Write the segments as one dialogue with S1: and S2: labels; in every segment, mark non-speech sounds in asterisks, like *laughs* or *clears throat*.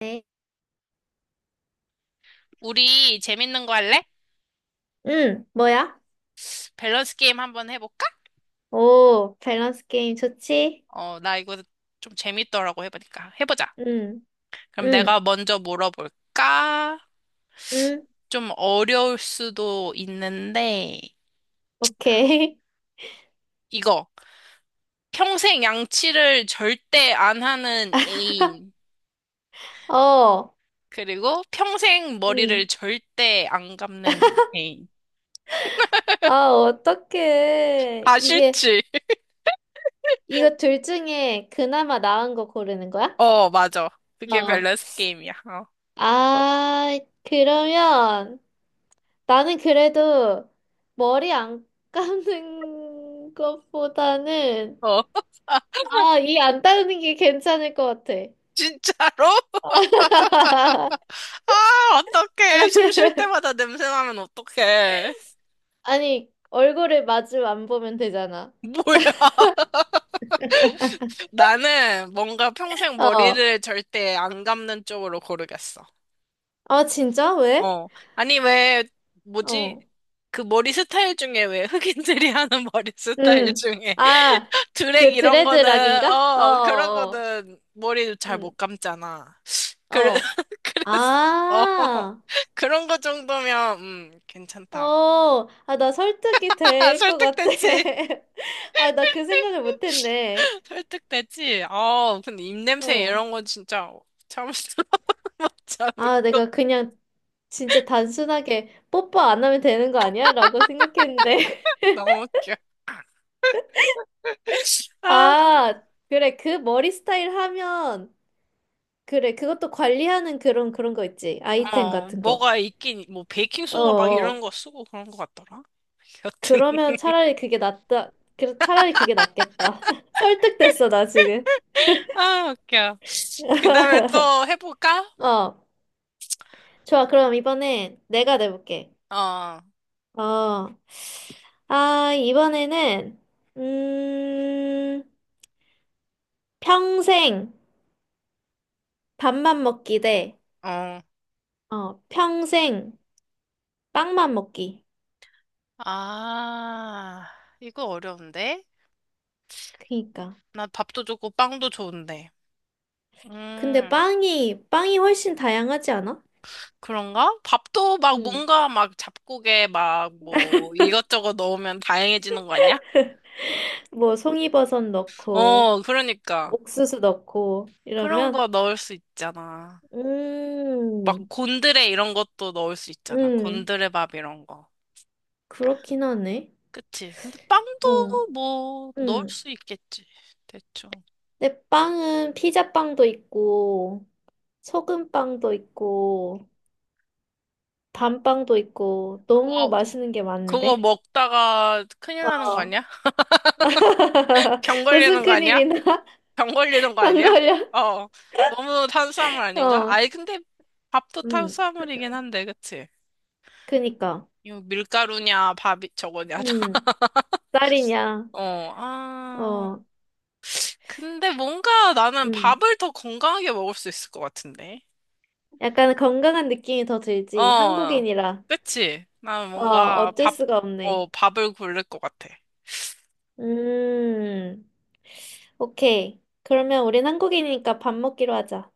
S1: 네.
S2: 우리 재밌는 거 할래?
S1: 응, 뭐야?
S2: 밸런스 게임 한번 해볼까?
S1: 오, 밸런스 게임 좋지?
S2: 어, 나 이거 좀 재밌더라고 해보니까. 해보자.
S1: 응,
S2: 그럼
S1: 응,
S2: 내가 먼저 물어볼까?
S1: 응,
S2: 좀 어려울 수도 있는데,
S1: 오케이.
S2: 이거. 평생 양치를 절대 안 하는 애인.
S1: *laughs* 어,
S2: 그리고 평생 머리를
S1: 응.
S2: 절대 안 감는 애인.
S1: 아, 어떡해.
S2: 아, 싫지? *laughs*
S1: 이거 둘 중에 그나마 나은 거 고르는 거야?
S2: 어, 맞아. 그게
S1: 어.
S2: 밸런스 게임이야.
S1: 아, 그러면 나는 그래도 머리 안 감는 *laughs* 것보다는,
S2: 어, 어. *laughs*
S1: 아, 이 안 따르는 게 괜찮을 것 같아.
S2: 진짜로?
S1: *laughs*
S2: 아, 어떡해. 숨 쉴 때마다 냄새 나면 어떡해.
S1: 아니, 얼굴을 마주 안 보면 되잖아.
S2: 뭐야. *laughs*
S1: *laughs*
S2: 나는 뭔가 평생
S1: 어.
S2: 머리를 절대 안 감는 쪽으로 고르겠어.
S1: 아, 진짜? 왜?
S2: 어. 아니, 왜, 뭐지?
S1: 어.
S2: 그 머리 스타일 중에 왜 흑인들이 *laughs* 하는 머리 스타일
S1: 음.
S2: 중에
S1: 아,
S2: *laughs* 드랙
S1: 그
S2: 이런 거는,
S1: 드레드락인가? 어,
S2: 어, 그런
S1: 어.
S2: 거는 머리도
S1: 어.
S2: 잘 못
S1: 음.
S2: 감잖아. 그래,
S1: 어.
S2: *laughs* 그래서, 어.
S1: 아.
S2: 그런 거 정도면, 괜찮다.
S1: 어. 아, 나 설득이
S2: *laughs*
S1: 될 것 같아.
S2: 설득됐지.
S1: *laughs* 아, 나 그 생각을 못
S2: *laughs*
S1: 했네.
S2: 설득됐지? 아, 근데 입냄새
S1: 어.
S2: 이런 건 진짜 참을 수 *laughs* 못 참을
S1: 아,
S2: 것
S1: 내가 그냥 진짜 단순하게 뽀뽀 안 하면 되는 거 아니야? 라고 생각했는데.
S2: 너무 웃겨. *laughs*
S1: *laughs*
S2: 아,
S1: 아, 그래. 그 머리 스타일 하면 그래, 그것도 관리하는 그런 거 있지. 아이템
S2: 어,
S1: 같은 거.
S2: 뭐가 있긴, 뭐,
S1: 어,
S2: 베이킹소다 막 이런
S1: 어.
S2: 거 쓰고 그런 것 같더라. 여튼,
S1: 그러면 차라리 그게 낫다. 그, 차라리 그게 낫겠다. *laughs* 설득됐어, 나 지금.
S2: *laughs* 아, 웃겨. 그 다음에
S1: *laughs*
S2: 또 해볼까?
S1: 어. 좋아, 그럼 이번엔 내가 내볼게.
S2: 어,
S1: 어. 아, 이번에는, 음, 평생 밥만 먹기 대,
S2: 어.
S1: 어, 평생 빵만 먹기.
S2: 아, 이거 어려운데?
S1: 그니까.
S2: 나 밥도 좋고 빵도 좋은데.
S1: 근데
S2: 음.
S1: 빵이 훨씬 다양하지 않아?
S2: 그런가? 밥도 막
S1: 음.
S2: 뭔가 막 잡곡에 막 뭐 이것저것 넣으면 다양해지는 거 아니야?
S1: 뭐 송이버섯 넣고
S2: 어, 그러니까.
S1: 옥수수 넣고
S2: 그런
S1: 이러면
S2: 거 넣을 수 있잖아. 막
S1: 음,
S2: 곤드레 이런 것도 넣을 수 있잖아.
S1: 음,
S2: 곤드레 밥 이런 거.
S1: 그렇긴 하네.
S2: 그치? 근데
S1: 어,
S2: 빵도 뭐 넣을
S1: 음.
S2: 수 있겠지. 대충.
S1: 근데 빵은 피자빵도 있고 소금빵도 있고 밤빵도 있고 너무
S2: 그거,
S1: 맛있는 게
S2: 그거
S1: 많은데.
S2: 먹다가 큰일 나는 거
S1: 어.
S2: 아니야? *laughs*
S1: *laughs*
S2: 병
S1: 무슨
S2: 걸리는 거 아니야?
S1: 큰일이나?
S2: 병
S1: *laughs*
S2: 걸리는 거
S1: 병
S2: 아니야?
S1: 걸려?
S2: 어. 너무 탄수화물 아닌가?
S1: 어,
S2: 아니, 근데 밥도
S1: 음.
S2: 탄수화물이긴 한데, 그치?
S1: 그니까.
S2: 이거 밀가루냐, 밥이 저거냐, 다. *laughs*
S1: 음. 딸이냐?
S2: 어, 아.
S1: 어,
S2: 근데 뭔가 나는
S1: 음.
S2: 밥을 더 건강하게 먹을 수 있을 것 같은데.
S1: 약간 건강한 느낌이 더 들지.
S2: 어,
S1: 한국인이라.
S2: 그치? 나는
S1: 어,
S2: 뭔가
S1: 어쩔
S2: 밥,
S1: 수가
S2: 어,
S1: 없네.
S2: 밥을 고를 것 같아.
S1: 음, 오케이. 그러면 우린 한국인이니까 밥 먹기로 하자.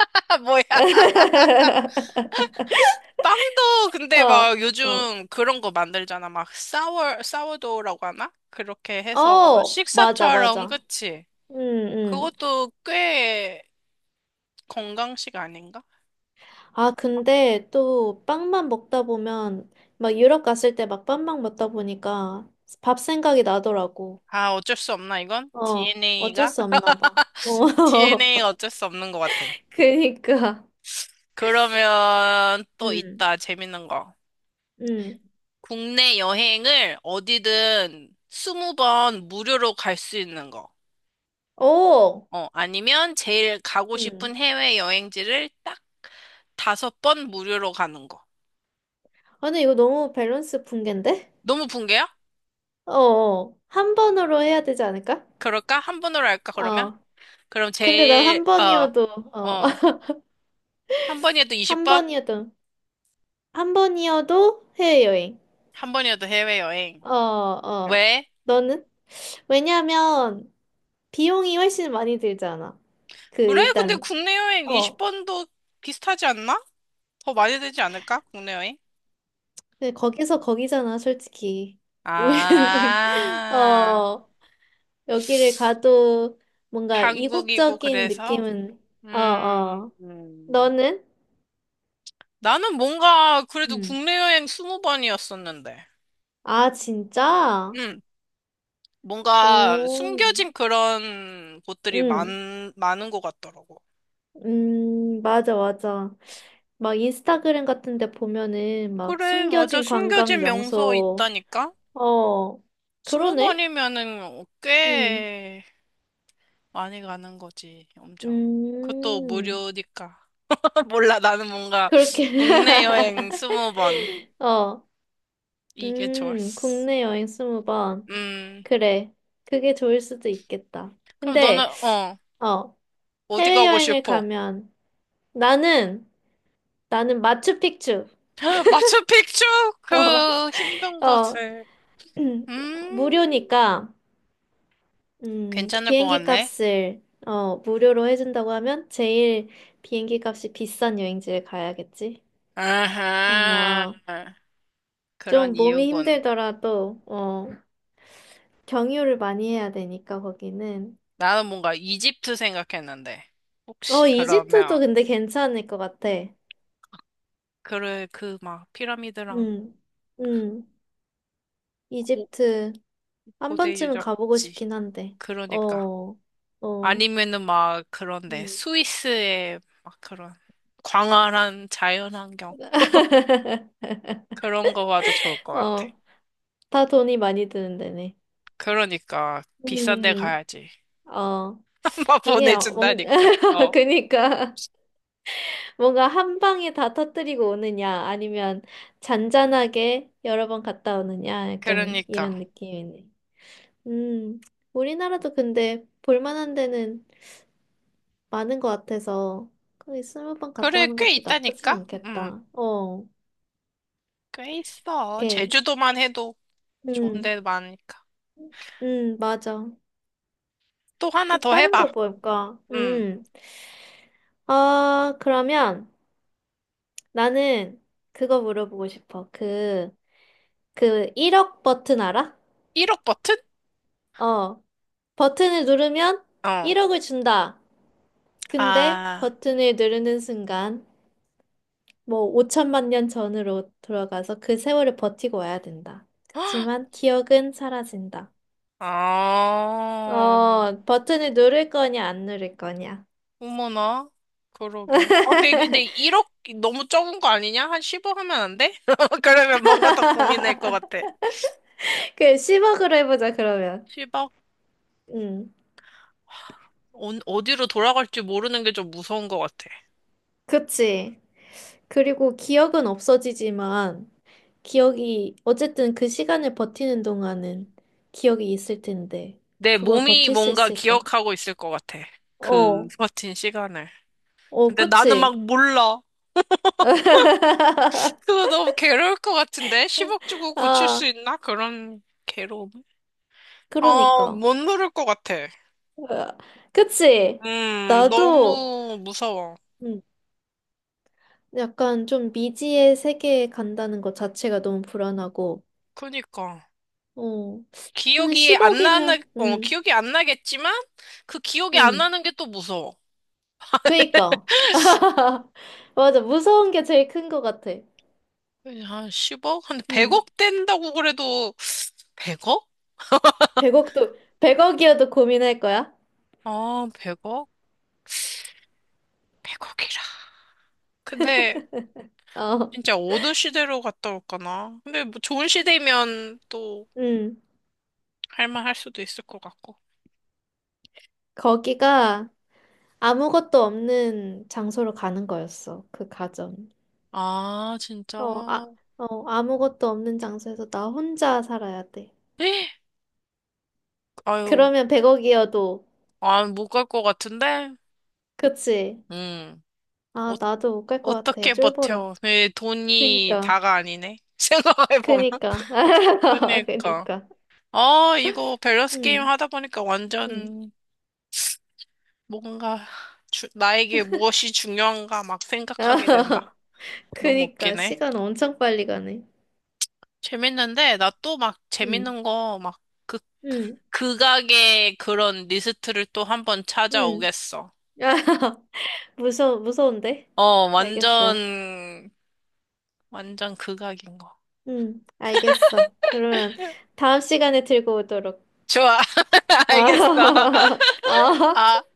S2: *laughs* 뭐야?
S1: *laughs*
S2: 빵도 근데
S1: 어,
S2: 막
S1: 어.
S2: 요즘 그런 거 만들잖아. 막 사워, 사워도우라고 하나? 그렇게 해서
S1: 어, 맞아,
S2: 식사처럼,
S1: 맞아.
S2: 그치?
S1: 음, 음.
S2: 그것도 꽤 건강식 아닌가?
S1: 아, 근데 또 빵만 먹다 보면, 막 유럽 갔을 때 막 빵만 먹다 보니까 밥 생각이 나더라고.
S2: 아, 어쩔 수 없나, 이건?
S1: 어, 어쩔
S2: DNA가?
S1: 수 없나 봐. 어,
S2: DNA가 *laughs*
S1: *laughs*
S2: 어쩔 수 없는 것 같아.
S1: 그니까.
S2: 그러면 또
S1: 음,
S2: 있다. 재밌는 거.
S1: 음.
S2: 국내 여행을 어디든 20번 무료로 갈 수 있는 거.
S1: 오!
S2: 어, 아니면 제일 가고 싶은
S1: 음.
S2: 해외 여행지를 딱 다섯 번 무료로 가는 거.
S1: 아니, 이거 너무 밸런스 붕괴인데?
S2: 너무 붕괴야?
S1: 어, 어. 한 번으로 해야 되지 않을까?
S2: 그럴까? 한 번으로 할까, 그러면?
S1: 어.
S2: 그럼
S1: 근데 난
S2: 제일,
S1: 한
S2: 어,
S1: 번이어도, 어,
S2: 어,
S1: *laughs*
S2: 한 번이어도
S1: 한
S2: 20번?
S1: 번이어도, 한 번이어도 해외여행.
S2: 한 번이어도 해외여행.
S1: 어, 어.
S2: 왜?
S1: 너는? 왜냐면, 비용이 훨씬 많이 들잖아. 그,
S2: 그래? 근데
S1: 일단,
S2: 국내 여행
S1: 어.
S2: 20번도 비슷하지 않나? 더 많이 되지 않을까? 국내 여행?
S1: 근데 거기서 거기잖아, 솔직히. *laughs* 우리, 우리,
S2: 아,
S1: 어, 여기를 가도 뭔가
S2: 한국이고
S1: 이국적인
S2: 그래서
S1: 느낌은, 어,
S2: 음,
S1: 어.
S2: 음.
S1: 너는?
S2: 나는 뭔가 그래도
S1: 응.
S2: 국내 여행 스무 번이었었는데
S1: 아, 진짜?
S2: 음, 뭔가
S1: 오,
S2: 숨겨진 그런 곳들이
S1: 응,
S2: 많은 것 같더라고.
S1: 맞아, 맞아. 막 인스타그램 같은 데 보면은 막
S2: 그래, 맞아.
S1: 숨겨진 관광
S2: 숨겨진 명소
S1: 명소,
S2: 있다니까?
S1: 어,
S2: 스무
S1: 그러네?
S2: 번이면은
S1: 응,
S2: 꽤 많이 가는 거지, 엄청. 그것도
S1: 음,
S2: 무료니까. *laughs* 몰라, 나는 뭔가
S1: 그렇게.
S2: 국내 여행 스무 번
S1: *laughs* 어,
S2: 이게 좋았어.
S1: 국내 여행 스무 번.
S2: 음,
S1: 그래. 그게 좋을 수도 있겠다.
S2: 그럼 너는,
S1: 근데,
S2: 어.
S1: 어,
S2: 어디 가고
S1: 해외여행을
S2: 싶어?
S1: 가면 나는, 나는 마추픽추.
S2: *laughs* 마추픽추?
S1: *laughs* 어,
S2: 그 힘든
S1: 어,
S2: 곳을.
S1: *clears throat*
S2: 음,
S1: 무료니까,
S2: 괜찮을 것
S1: 비행기
S2: 같네.
S1: 값을, 어, 무료로 해준다고 하면 제일 비행기 값이 비싼 여행지에 가야겠지.
S2: 아하,
S1: 그러면
S2: 그런
S1: 좀 몸이
S2: 이유군.
S1: 힘들더라도, 어, 경유를 많이 해야 되니까, 거기는.
S2: 나는 뭔가 이집트 생각했는데. 혹시
S1: 어, 이집트도
S2: 그러면,
S1: 근데 괜찮을 것 같아.
S2: 그래, 그 막 피라미드랑
S1: 음, 음,
S2: 고,
S1: 이집트 한
S2: 고대
S1: 번쯤은 가보고
S2: 유적지.
S1: 싶긴 한데,
S2: 그러니까.
S1: 어, 어,
S2: 아니면은 막 그런데
S1: 음.
S2: 스위스의 막 그런 광활한 자연환경.
S1: *laughs*
S2: 그런 거 봐도 좋을 것 같아.
S1: 어, 다 돈이 많이 드는 데네.
S2: 그러니까 비싼 데
S1: 음,
S2: 가야지.
S1: 어,
S2: *laughs* 막
S1: 이게 뭔,
S2: 보내준다니까.
S1: *laughs*
S2: 어.
S1: 그니까 뭔가 한 방에 다 터뜨리고 오느냐, 아니면 잔잔하게 여러 번 갔다 오느냐, 약간
S2: 그러니까.
S1: 이런 느낌이네. 음, 우리나라도 근데 볼만한 데는 많은 것 같아서 거기 스무 번 갔다
S2: 그래,
S1: 오는
S2: 꽤
S1: 것도 나쁘진
S2: 있다니까? 음,
S1: 않겠다. 어,
S2: 꽤 있어.
S1: 오케이.
S2: 제주도만 해도 좋은
S1: 음,
S2: 데 많으니까.
S1: 맞아.
S2: 또 하나
S1: 또
S2: 더
S1: 다른 거
S2: 해봐.
S1: 볼까?
S2: 음,
S1: 아, 그러면. 나는 그거 물어보고 싶어. 그, 그 1억 버튼 알아?
S2: 1억 버튼?
S1: 어. 버튼을 누르면
S2: 어.
S1: 1억을 준다. 근데
S2: 아,
S1: 버튼을 누르는 순간 뭐 5천만 년 전으로 돌아가서 그 세월을 버티고 와야 된다.
S2: *gasps* 헉,
S1: 그치만 기억은 사라진다.
S2: 아,
S1: 어, 버튼을 누를 거냐, 안 누를 거냐.
S2: 어머나. 그러게. 아, 근데 1억 너무 적은 거 아니냐? 한 10억 하면 안 돼? *laughs* 그러면 뭔가 더 고민할 것 같아.
S1: *laughs* 그 10억으로 해보자, 그러면.
S2: 10억?
S1: 음,
S2: 어, 어디로 돌아갈지 모르는 게 좀 무서운 것 같아.
S1: 그치. 그리고 기억은 없어지지만 기억이, 어쨌든 그 시간을 버티는 동안은 기억이 있을 텐데,
S2: 내
S1: 그걸
S2: 몸이
S1: 버틸 수
S2: 뭔가
S1: 있을까?
S2: 기억하고 있을 것 같아. 그
S1: 어,
S2: 버틴 시간을.
S1: 어,
S2: 근데 나는
S1: 그치?
S2: 막 몰라.
S1: *laughs*
S2: 그거 너무 괴로울 것 같은데? 10억 주고 고칠 수
S1: 아,
S2: 있나? 그런 괴로움. 아,
S1: 그러니까.
S2: 못 누를 것 같아.
S1: 으아, 그치? 나도,
S2: 너무 무서워.
S1: 음, 약간 좀 미지의 세계에 간다는 것 자체가 너무 불안하고,
S2: 그니까.
S1: 어, 한
S2: 기억이 안 나는,
S1: 10억이면,
S2: 어, 기억이 안 나겠지만, 그 기억이 안
S1: 음,
S2: 나는 게 또 무서워.
S1: 그니까.
S2: *laughs*
S1: *laughs* 맞아, 무서운 게 제일 큰 것 같아.
S2: 한 10억? 한
S1: 음.
S2: 100억 된다고 그래도 100억?
S1: 백억도 백억이어도 고민할 거야?
S2: 아, 100억? 100억이라. 근데
S1: 어,
S2: 진짜 어느 시대로 갔다 올까나? 근데 뭐 좋은 시대면 또
S1: 응.
S2: 할만할 수도 있을 것 같고.
S1: 거기가 아무것도 없는 장소로 가는 거였어, 그 가정.
S2: 아, 진짜.
S1: 어, 아, 어, 아무것도 없는 장소에서 나 혼자 살아야 돼.
S2: 에이, 아유,
S1: 그러면 백억이어도
S2: 아, 못 갈 것 같은데?
S1: 그치?
S2: 음,
S1: 아,
S2: 어,
S1: 나도 못 갈 것 같아.
S2: 어떻게
S1: 쫄보라.
S2: 버텨? 내 돈이
S1: 그니까,
S2: 다가 아니네. *laughs* 생각해보면.
S1: 그니까, *laughs*
S2: 그러니까.
S1: 그니까.
S2: 아, 이거 밸런스 게임
S1: 응,
S2: 하다 보니까
S1: 응.
S2: 완전 뭔가 주- 나에게 무엇이 중요한가 막 생각하게 된다.
S1: *laughs*
S2: 너무
S1: 그니까,
S2: 웃기네.
S1: 시간 엄청 빨리 가네.
S2: 재밌는데, 나 또 막
S1: 응,
S2: 재밌는 거막그
S1: 응,
S2: 극악의 그런 리스트를 또 한 번
S1: 응.
S2: 찾아오겠어.
S1: *laughs* 야, 무서워, 무서운데?
S2: 어,
S1: 알겠어.
S2: 완전, 완전 극악인 거.
S1: 응, 알겠어. 그러면 다음 시간에 들고 오도록.
S2: 좋아. *laughs*
S1: *laughs*
S2: 알겠어.
S1: 아, 아.
S2: 아.